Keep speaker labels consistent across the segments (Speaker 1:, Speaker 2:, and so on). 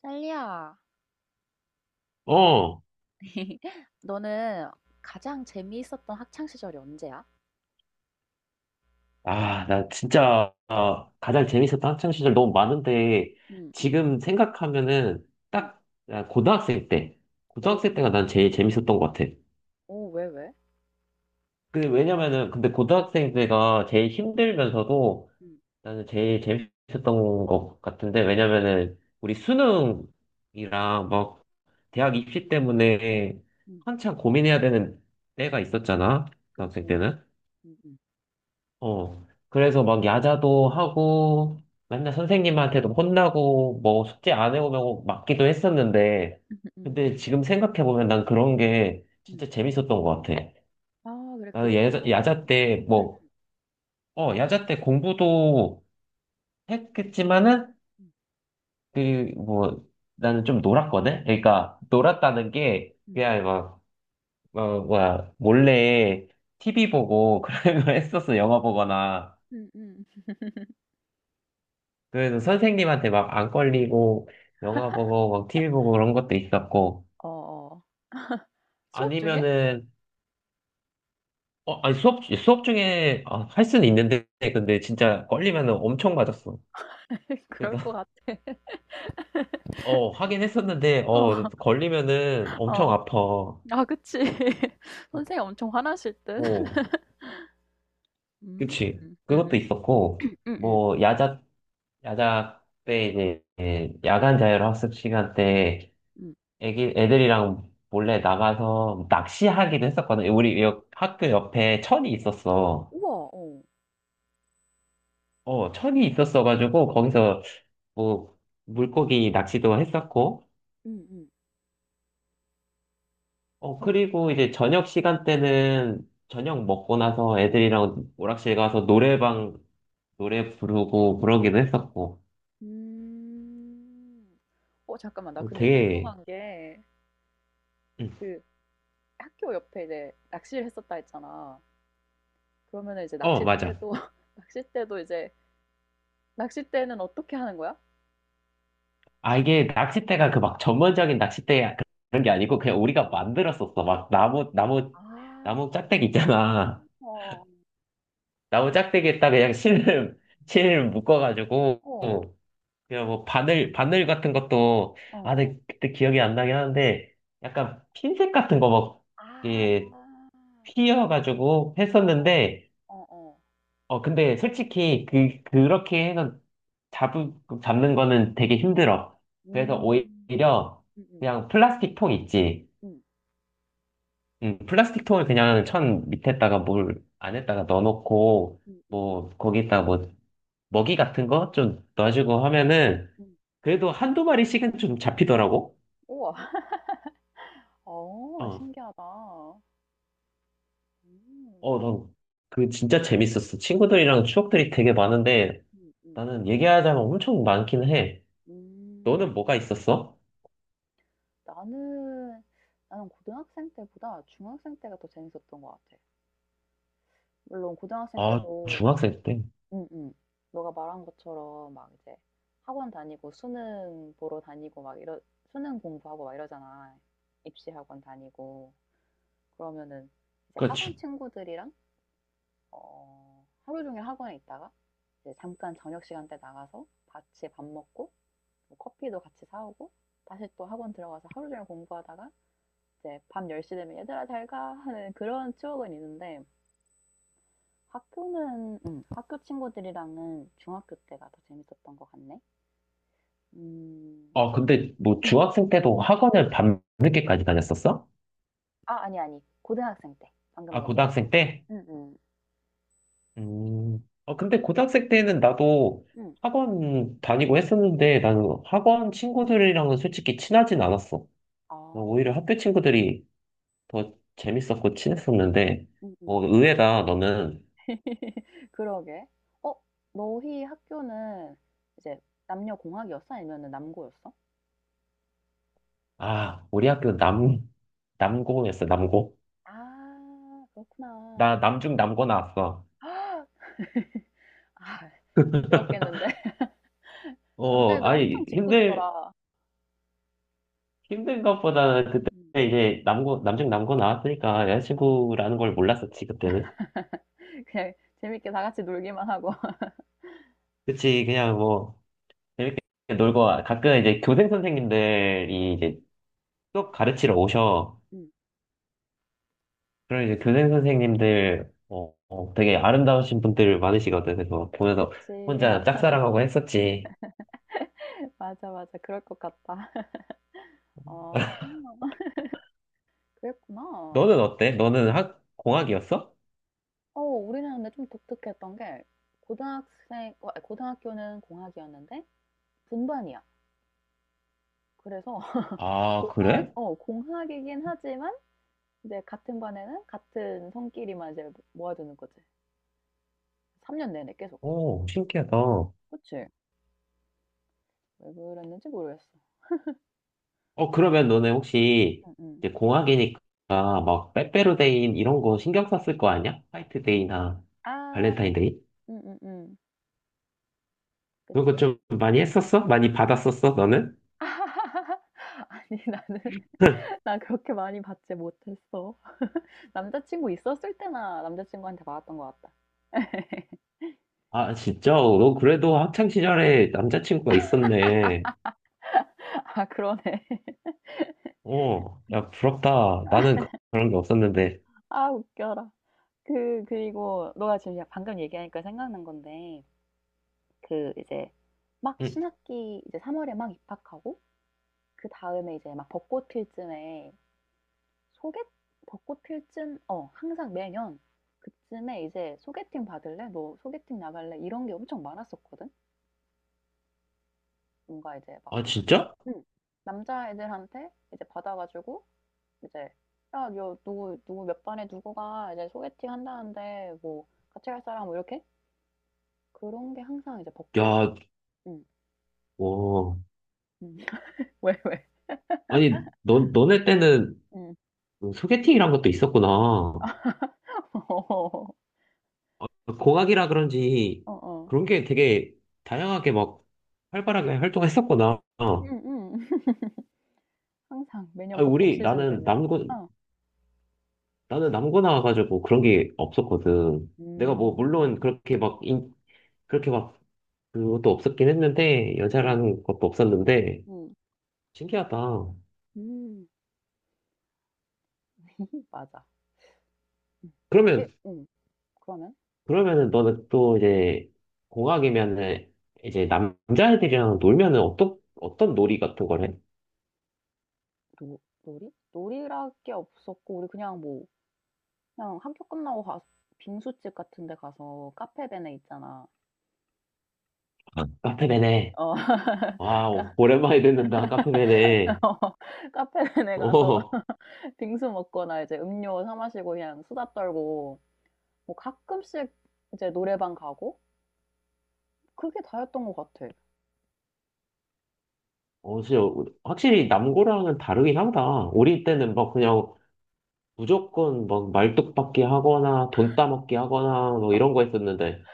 Speaker 1: 딸리야,
Speaker 2: 어,
Speaker 1: 너는 가장 재미있었던 학창 시절이 언제야?
Speaker 2: 아, 나 진짜 가장 재밌었던 학창 시절 너무 많은데
Speaker 1: 응, 응,
Speaker 2: 지금 생각하면은
Speaker 1: 응.
Speaker 2: 딱 아,
Speaker 1: 오,
Speaker 2: 고등학생 때가 난 제일 재밌었던 것 같아.
Speaker 1: 오, 왜, 왜?
Speaker 2: 그 왜냐면은 근데 고등학생 때가 제일 힘들면서도
Speaker 1: 응,
Speaker 2: 나는 제일 재밌었던 것 같은데 왜냐면은 우리 수능이랑 막 대학 입시 때문에
Speaker 1: 응,
Speaker 2: 한참 고민해야 되는 때가 있었잖아,
Speaker 1: 그치?
Speaker 2: 고등학생 때는.
Speaker 1: 응, 응.
Speaker 2: 어. 그래서 막 야자도 하고, 맨날 선생님한테도 혼나고, 뭐 숙제 안 해오면 맞기도 했었는데,
Speaker 1: 응, 응,
Speaker 2: 근데
Speaker 1: 응,
Speaker 2: 지금 생각해보면 난 그런 게
Speaker 1: 응,
Speaker 2: 진짜 재밌었던 것 같아.
Speaker 1: 아, 그래, 그게
Speaker 2: 나는
Speaker 1: 추억이야?
Speaker 2: 야자 때 뭐,
Speaker 1: 응,
Speaker 2: 야자 때 공부도 했겠지만은,
Speaker 1: 응,
Speaker 2: 그, 뭐, 나는 좀 놀았거든? 그러니까, 놀았다는 게,
Speaker 1: 응,
Speaker 2: 그냥 막, 뭐야, 몰래 TV 보고 그런 거 했었어, 영화 보거나.
Speaker 1: 응, 응. 응.
Speaker 2: 그래서 선생님한테 막 안 걸리고 영화 보고 막 TV 보고 그런 것도 있었고
Speaker 1: 어, 어. 수업 중에?
Speaker 2: 아니면은 아니 수업 중에 아, 할 수는 있는데 근데 진짜 걸리면은 엄청 맞았어.
Speaker 1: 그럴
Speaker 2: 그래서
Speaker 1: 것 같아.
Speaker 2: 하긴 했었는데
Speaker 1: 어,
Speaker 2: 걸리면은 엄청
Speaker 1: 어.
Speaker 2: 아파.
Speaker 1: 아, 그치. 선생님 엄청 화나실 듯.
Speaker 2: 어
Speaker 1: 음,
Speaker 2: 그치
Speaker 1: 응,
Speaker 2: 그것도
Speaker 1: 응,
Speaker 2: 있었고
Speaker 1: 응, 응,
Speaker 2: 뭐 야자 때 이제 야간 자율학습 시간 때
Speaker 1: 응,
Speaker 2: 애들이랑 몰래 나가서 낚시하기도 했었거든. 우리 학교 옆에 천이 있었어.
Speaker 1: 우와, 어.
Speaker 2: 천이 있었어가지고, 거기서 뭐, 물고기 낚시도 했었고,
Speaker 1: 응, 응. 그럼,
Speaker 2: 그리고 이제 저녁 시간 때는 저녁 먹고 나서 애들이랑 오락실 가서 노래방 노래 부르고 그러기도 했었고,
Speaker 1: 음. 어 잠깐만 나 근데
Speaker 2: 되게,
Speaker 1: 궁금한 게
Speaker 2: 음,
Speaker 1: 그 학교 옆에 이제 낚시를 했었다 했잖아. 그러면은 이제
Speaker 2: 맞아.
Speaker 1: 낚싯대도 낚싯대도 이제 낚싯대는 어떻게 하는 거야?
Speaker 2: 아, 이게 낚싯대가 그 막 전문적인 낚싯대 그런 게 아니고, 그냥 우리가
Speaker 1: 어.
Speaker 2: 만들었었어. 막
Speaker 1: 아.
Speaker 2: 나무 짝대기 있잖아.
Speaker 1: 어.
Speaker 2: 나무 짝대기에다 그냥 실을, 실을 묶어가지고,
Speaker 1: 어.
Speaker 2: 그냥 뭐 바늘 같은 것도, 아,
Speaker 1: 어어.
Speaker 2: 근데 그때 기억이 안 나긴 하는데, 약간 핀셋 같은 거 막,
Speaker 1: 아.
Speaker 2: 이게 휘어가지고
Speaker 1: 어어.
Speaker 2: 했었는데,
Speaker 1: 어어.
Speaker 2: 근데 솔직히 그렇게 해서 잡, 잡는 거는 되게 힘들어. 그래서
Speaker 1: 음.
Speaker 2: 오히려
Speaker 1: 음음.
Speaker 2: 그냥 플라스틱 통 있지.
Speaker 1: 음.
Speaker 2: 플라스틱 통을 그냥 천 밑에다가 뭘 안에다가 넣어놓고,
Speaker 1: 음음. 음.
Speaker 2: 뭐, 거기다 뭐, 먹이 같은 거 좀 넣어주고 하면은
Speaker 1: 음.
Speaker 2: 그래도 한두 마리씩은 좀 잡히더라고.
Speaker 1: 우와. 어
Speaker 2: 어,
Speaker 1: 신기하다. 음.
Speaker 2: 난그 진짜 재밌었어. 친구들이랑 추억들이 되게 많은데
Speaker 1: 음음. 음.
Speaker 2: 나는 얘기하자면 엄청 많긴 해.
Speaker 1: 음.
Speaker 2: 너는 뭐가 있었어?
Speaker 1: 나는 나는 고등학생 때보다 중학생 때가 더 재밌었던 것 같아. 물론 고등학생
Speaker 2: 아,
Speaker 1: 때도
Speaker 2: 중학생 때.
Speaker 1: 응응. 너가 말한 것처럼 막 이제 학원 다니고 수능 보러 다니고 막 이러 수능 공부하고 막 이러잖아. 입시 학원 다니고. 그러면은 이제 학원
Speaker 2: 그렇지.
Speaker 1: 친구들이랑 어, 하루 종일 학원에 있다가 이제 잠깐 저녁 시간 때 나가서 같이 밥 먹고 뭐 커피도 같이 사오고 다시 또 학원 들어가서 하루 종일 공부하다가 이제 밤 10시 되면 얘들아 잘 가 하는 그런 추억은 있는데 학교는 학교 친구들이랑은 중학교 때가 더 재밌었던 것 같네. 음,
Speaker 2: 아, 근데 뭐
Speaker 1: 음.
Speaker 2: 중학생 때도 학원을 밤늦게까지 다녔었어?
Speaker 1: 아 아니 아니 고등학생 때 방금
Speaker 2: 아,
Speaker 1: 얘기한 거.
Speaker 2: 고등학생 때?
Speaker 1: 응, 응,
Speaker 2: 음. 아, 근데 고등학생 때는 나도
Speaker 1: 응.
Speaker 2: 학원 다니고 했었는데 나는 학원 친구들이랑은 솔직히 친하진 않았어.
Speaker 1: 아,
Speaker 2: 오히려 학교 친구들이 더 재밌었고 친했었는데,
Speaker 1: 응, 응.
Speaker 2: 뭐, 의외다, 너는,
Speaker 1: 그러게. 어, 너희 학교는 이제 남녀 공학이었어? 아니면 남고였어?
Speaker 2: 아, 우리 학교 남고였어, 남고.
Speaker 1: 아, 그렇구나.
Speaker 2: 나, 남중 남고 나왔어.
Speaker 1: 아, 힘들었겠는데.
Speaker 2: 어,
Speaker 1: 남자애들 엄청
Speaker 2: 아니,
Speaker 1: 짓궂더라.
Speaker 2: 힘든 것보다는
Speaker 1: 응,
Speaker 2: 그때
Speaker 1: 응,
Speaker 2: 이제 남중 남고 나왔으니까
Speaker 1: 응, 응.
Speaker 2: 여자친구라는 걸 몰랐었지, 그때는.
Speaker 1: 그냥 재밌게 다 같이 놀기만 하고.
Speaker 2: 그치, 그냥 뭐, 재밌게 놀고, 가끔 이제 교생 선생님들이
Speaker 1: 응
Speaker 2: 이제 수업 가르치러 오셔.
Speaker 1: 응
Speaker 2: 그럼 이제 교생 선생님들 되게 아름다우신 분들 많으시거든. 그래서 보면서
Speaker 1: 그치.
Speaker 2: 혼자 짝사랑하고 했었지.
Speaker 1: 맞아, 맞아. 그럴 것 같다. 어, 그랬구나.
Speaker 2: 너는 어때? 너는 학
Speaker 1: 응.
Speaker 2: 공학이었어?
Speaker 1: 어, 우리는 근데 좀 독특했던 게 고등학생, 아니, 고등학교는 공학이었는데 분반이야. 그래서
Speaker 2: 아,
Speaker 1: 공학,
Speaker 2: 그래?
Speaker 1: 어, 공학이긴 하지만 이제 같은 반에는 같은 성끼리만 이제 모아두는 거지. 3년 내내 계속.
Speaker 2: 오, 신기하다.
Speaker 1: 그치? 왜 그랬는지 모르겠어.
Speaker 2: 그러면 너네 혹시
Speaker 1: 응, 응.
Speaker 2: 이제 공학이니까 막
Speaker 1: 응.
Speaker 2: 빼빼로데이 이런 거 신경 썼을 거 아니야? 화이트데이나
Speaker 1: 아,
Speaker 2: 발렌타인데이?
Speaker 1: 응, 응, 응.
Speaker 2: 그런 거
Speaker 1: 그치?
Speaker 2: 좀 많이 했었어? 많이 받았었어, 너는?
Speaker 1: 아니, 나는 나 그렇게 많이 받지 못했어. 남자친구 있었을 때나 남자친구한테 받았던 것 같다.
Speaker 2: 아, 진짜? 너 그래도 학창 시절에 남자친구가 있었네.
Speaker 1: 아, 그러네.
Speaker 2: 야, 부럽다. 나는 그런 게 없었는데.
Speaker 1: 아, 웃겨라. 그리고 너가 지금 방금 얘기하니까 생각난 건데, 그 이제 막
Speaker 2: 응.
Speaker 1: 신학기 이제 3월에 막 입학하고, 그 다음에 이제 막 벚꽃 필 쯤에 소개, 벚꽃 필 쯤, 항상 매년 그쯤에 이제 소개팅 받을래? 너 소개팅 나갈래? 이런 게 엄청 많았었거든? 뭔가 이제 막
Speaker 2: 아, 진짜?
Speaker 1: 응. 남자애들한테 이제 받아 가지고 이제 "야 요 누구 누구 몇 반에 누구가 이제 소개팅 한다는데 뭐 같이 갈 사람?" 뭐 이렇게 그런 게 항상 이제 벚꽃
Speaker 2: 야,
Speaker 1: 응.
Speaker 2: 어.
Speaker 1: 응. 왜, 왜?
Speaker 2: 아니, 너네 때는
Speaker 1: 음.
Speaker 2: 그 소개팅이란 것도 있었구나.
Speaker 1: 어.
Speaker 2: 공학이라 그런지
Speaker 1: 어어.
Speaker 2: 그런 게 되게 다양하게 막 활발하게 활동했었구나. 어.
Speaker 1: 항상 매년
Speaker 2: 아,
Speaker 1: 벚꽃 시즌 되면 어.
Speaker 2: 나는 남고 나와가지고 그런 게 없었거든. 내가 뭐, 물론
Speaker 1: 음.
Speaker 2: 그렇게 막, 그것도 없었긴 했는데,
Speaker 1: 응응
Speaker 2: 여자라는 것도 없었는데,
Speaker 1: 응
Speaker 2: 신기하다.
Speaker 1: 음. 맞아. 응.
Speaker 2: 그러면
Speaker 1: 그게 응. 그러면
Speaker 2: 그러면은 너는 또 이제 공학이면은 이제 남자애들이랑 놀면은 어떤 어떤 놀이 같은 걸 해?
Speaker 1: 노 놀이? 놀이랄 게 없었고 우리 그냥 뭐 그냥 학교 끝나고 가 빙수집 같은 데 가서 카페베네 있잖아.
Speaker 2: 아, 카페베네.
Speaker 1: 어,
Speaker 2: 와,
Speaker 1: 까-
Speaker 2: 오랜만에 듣는다. 카페베네.
Speaker 1: 어, 카페베네 가서
Speaker 2: 어,
Speaker 1: 빙수 먹거나 이제 음료 사 마시고 그냥 수다 떨고 뭐 가끔씩 이제 노래방 가고 그게 다였던 것 같아.
Speaker 2: 진짜 확실히 남고랑은 다르긴 하다. 우리 때는 막 그냥 무조건 막 말뚝박기 하거나 돈 따먹기 하거나 뭐
Speaker 1: 어,
Speaker 2: 이런 거 했었는데,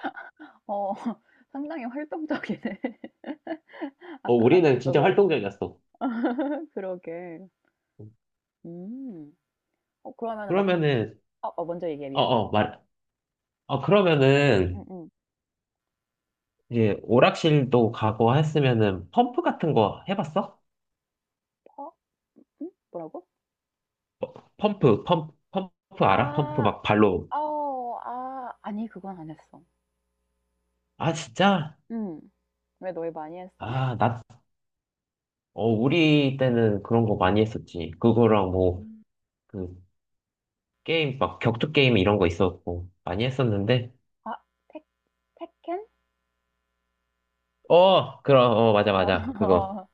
Speaker 1: 상당히 활동적이네. 아까
Speaker 2: 우리는
Speaker 1: 낚시도
Speaker 2: 진짜
Speaker 1: 그렇고.
Speaker 2: 활동적이었어.
Speaker 1: 그러게. 음. 어, 그러면은 나 궁금,
Speaker 2: 그러면은,
Speaker 1: 어, 어, 먼저 얘기해,
Speaker 2: 어,
Speaker 1: 미안.
Speaker 2: 어, 말, 어,
Speaker 1: 응,
Speaker 2: 그러면은
Speaker 1: 응.
Speaker 2: 이제 오락실도 가고 했으면은 펌프 같은 거 해봤어?
Speaker 1: 퍼? 응? 뭐라고?
Speaker 2: 펌프 알아? 펌프
Speaker 1: 아,
Speaker 2: 막 발로.
Speaker 1: 아, 아니, 그건 안 했어.
Speaker 2: 아, 진짜?
Speaker 1: 응. 왜 너희 많이 했어?
Speaker 2: 아, 우리 때는 그런 거 많이 했었지. 그거랑 뭐,
Speaker 1: 음.
Speaker 2: 그, 막 격투 게임 이런 거 있었고, 많이 했었는데.
Speaker 1: 아, 테, 테켄?
Speaker 2: 그럼, 맞아,
Speaker 1: 어,
Speaker 2: 맞아. 그거.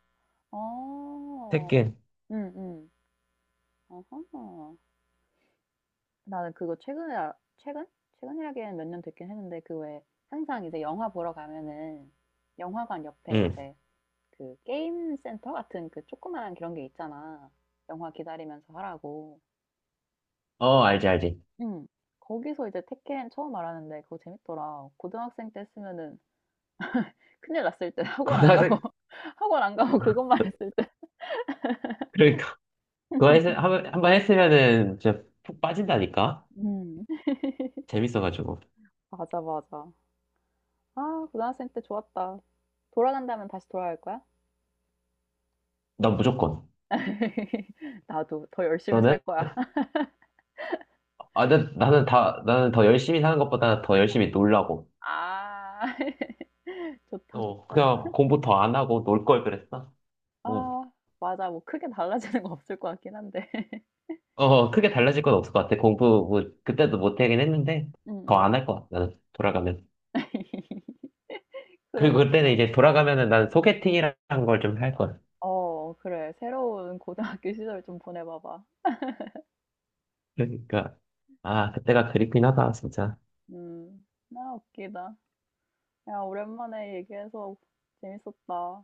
Speaker 1: 어,
Speaker 2: 테kken.
Speaker 1: 응, 응. 어허. 나는 그거 최근에, 최근? 최근이라기엔 몇 년 됐긴 했는데, 그 왜, 항상 이제 영화 보러 가면은, 영화관 옆에
Speaker 2: 응.
Speaker 1: 이제 그 게임 센터 같은 그 조그만한 그런 게 있잖아. 영화 기다리면서 하라고.
Speaker 2: 알지, 알지.
Speaker 1: 응. 거기서 이제 테켄 처음 알았는데, 그거 재밌더라. 고등학생 때 했으면은 큰일 났을 때 학원 안 가고
Speaker 2: 고등학생,
Speaker 1: 학원 안 가고 그것만 했을 때.
Speaker 2: 그러니까. 그거 한번 했으면은 진짜 푹 빠진다니까?
Speaker 1: 음.
Speaker 2: 재밌어가지고.
Speaker 1: 맞아, 맞아. 아, 고등학생 때 좋았다. 돌아간다면 다시 돌아갈 거야?
Speaker 2: 난 무조건.
Speaker 1: 나도 더 열심히 살
Speaker 2: 너는?
Speaker 1: 거야.
Speaker 2: 아, 나는 더 열심히 사는 것보다 더 열심히 놀라고.
Speaker 1: 아, 좋다, 좋다.
Speaker 2: 그냥 공부 더 안 하고 놀 걸 그랬어. 뭐,
Speaker 1: 아, 맞아. 뭐 크게 달라지는 거 없을 것 같긴 한데.
Speaker 2: 크게 달라질 건 없을 것 같아. 공부, 뭐, 그때도 못 하긴 했는데, 더
Speaker 1: 음.
Speaker 2: 안 할 것 같아. 나는 돌아가면.
Speaker 1: 그렇
Speaker 2: 그리고
Speaker 1: 구
Speaker 2: 그때는
Speaker 1: 만
Speaker 2: 이제 돌아가면은 난 소개팅이라는 걸 좀 할 걸.
Speaker 1: 어, 그래. 새로운 고등학교 시절 좀 보내봐봐.
Speaker 2: 그러니까, 아, 그때가 그립긴 하다, 진짜.
Speaker 1: 나 웃기다. 야, 오랜만에 얘기해서 재밌었다.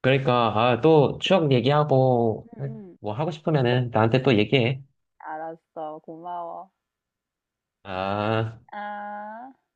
Speaker 2: 그러니까, 아, 또 추억 얘기하고,
Speaker 1: 응응
Speaker 2: 뭐 하고 싶으면은 나한테 또 얘기해.
Speaker 1: 알았어. 고마워.
Speaker 2: 아.
Speaker 1: 아.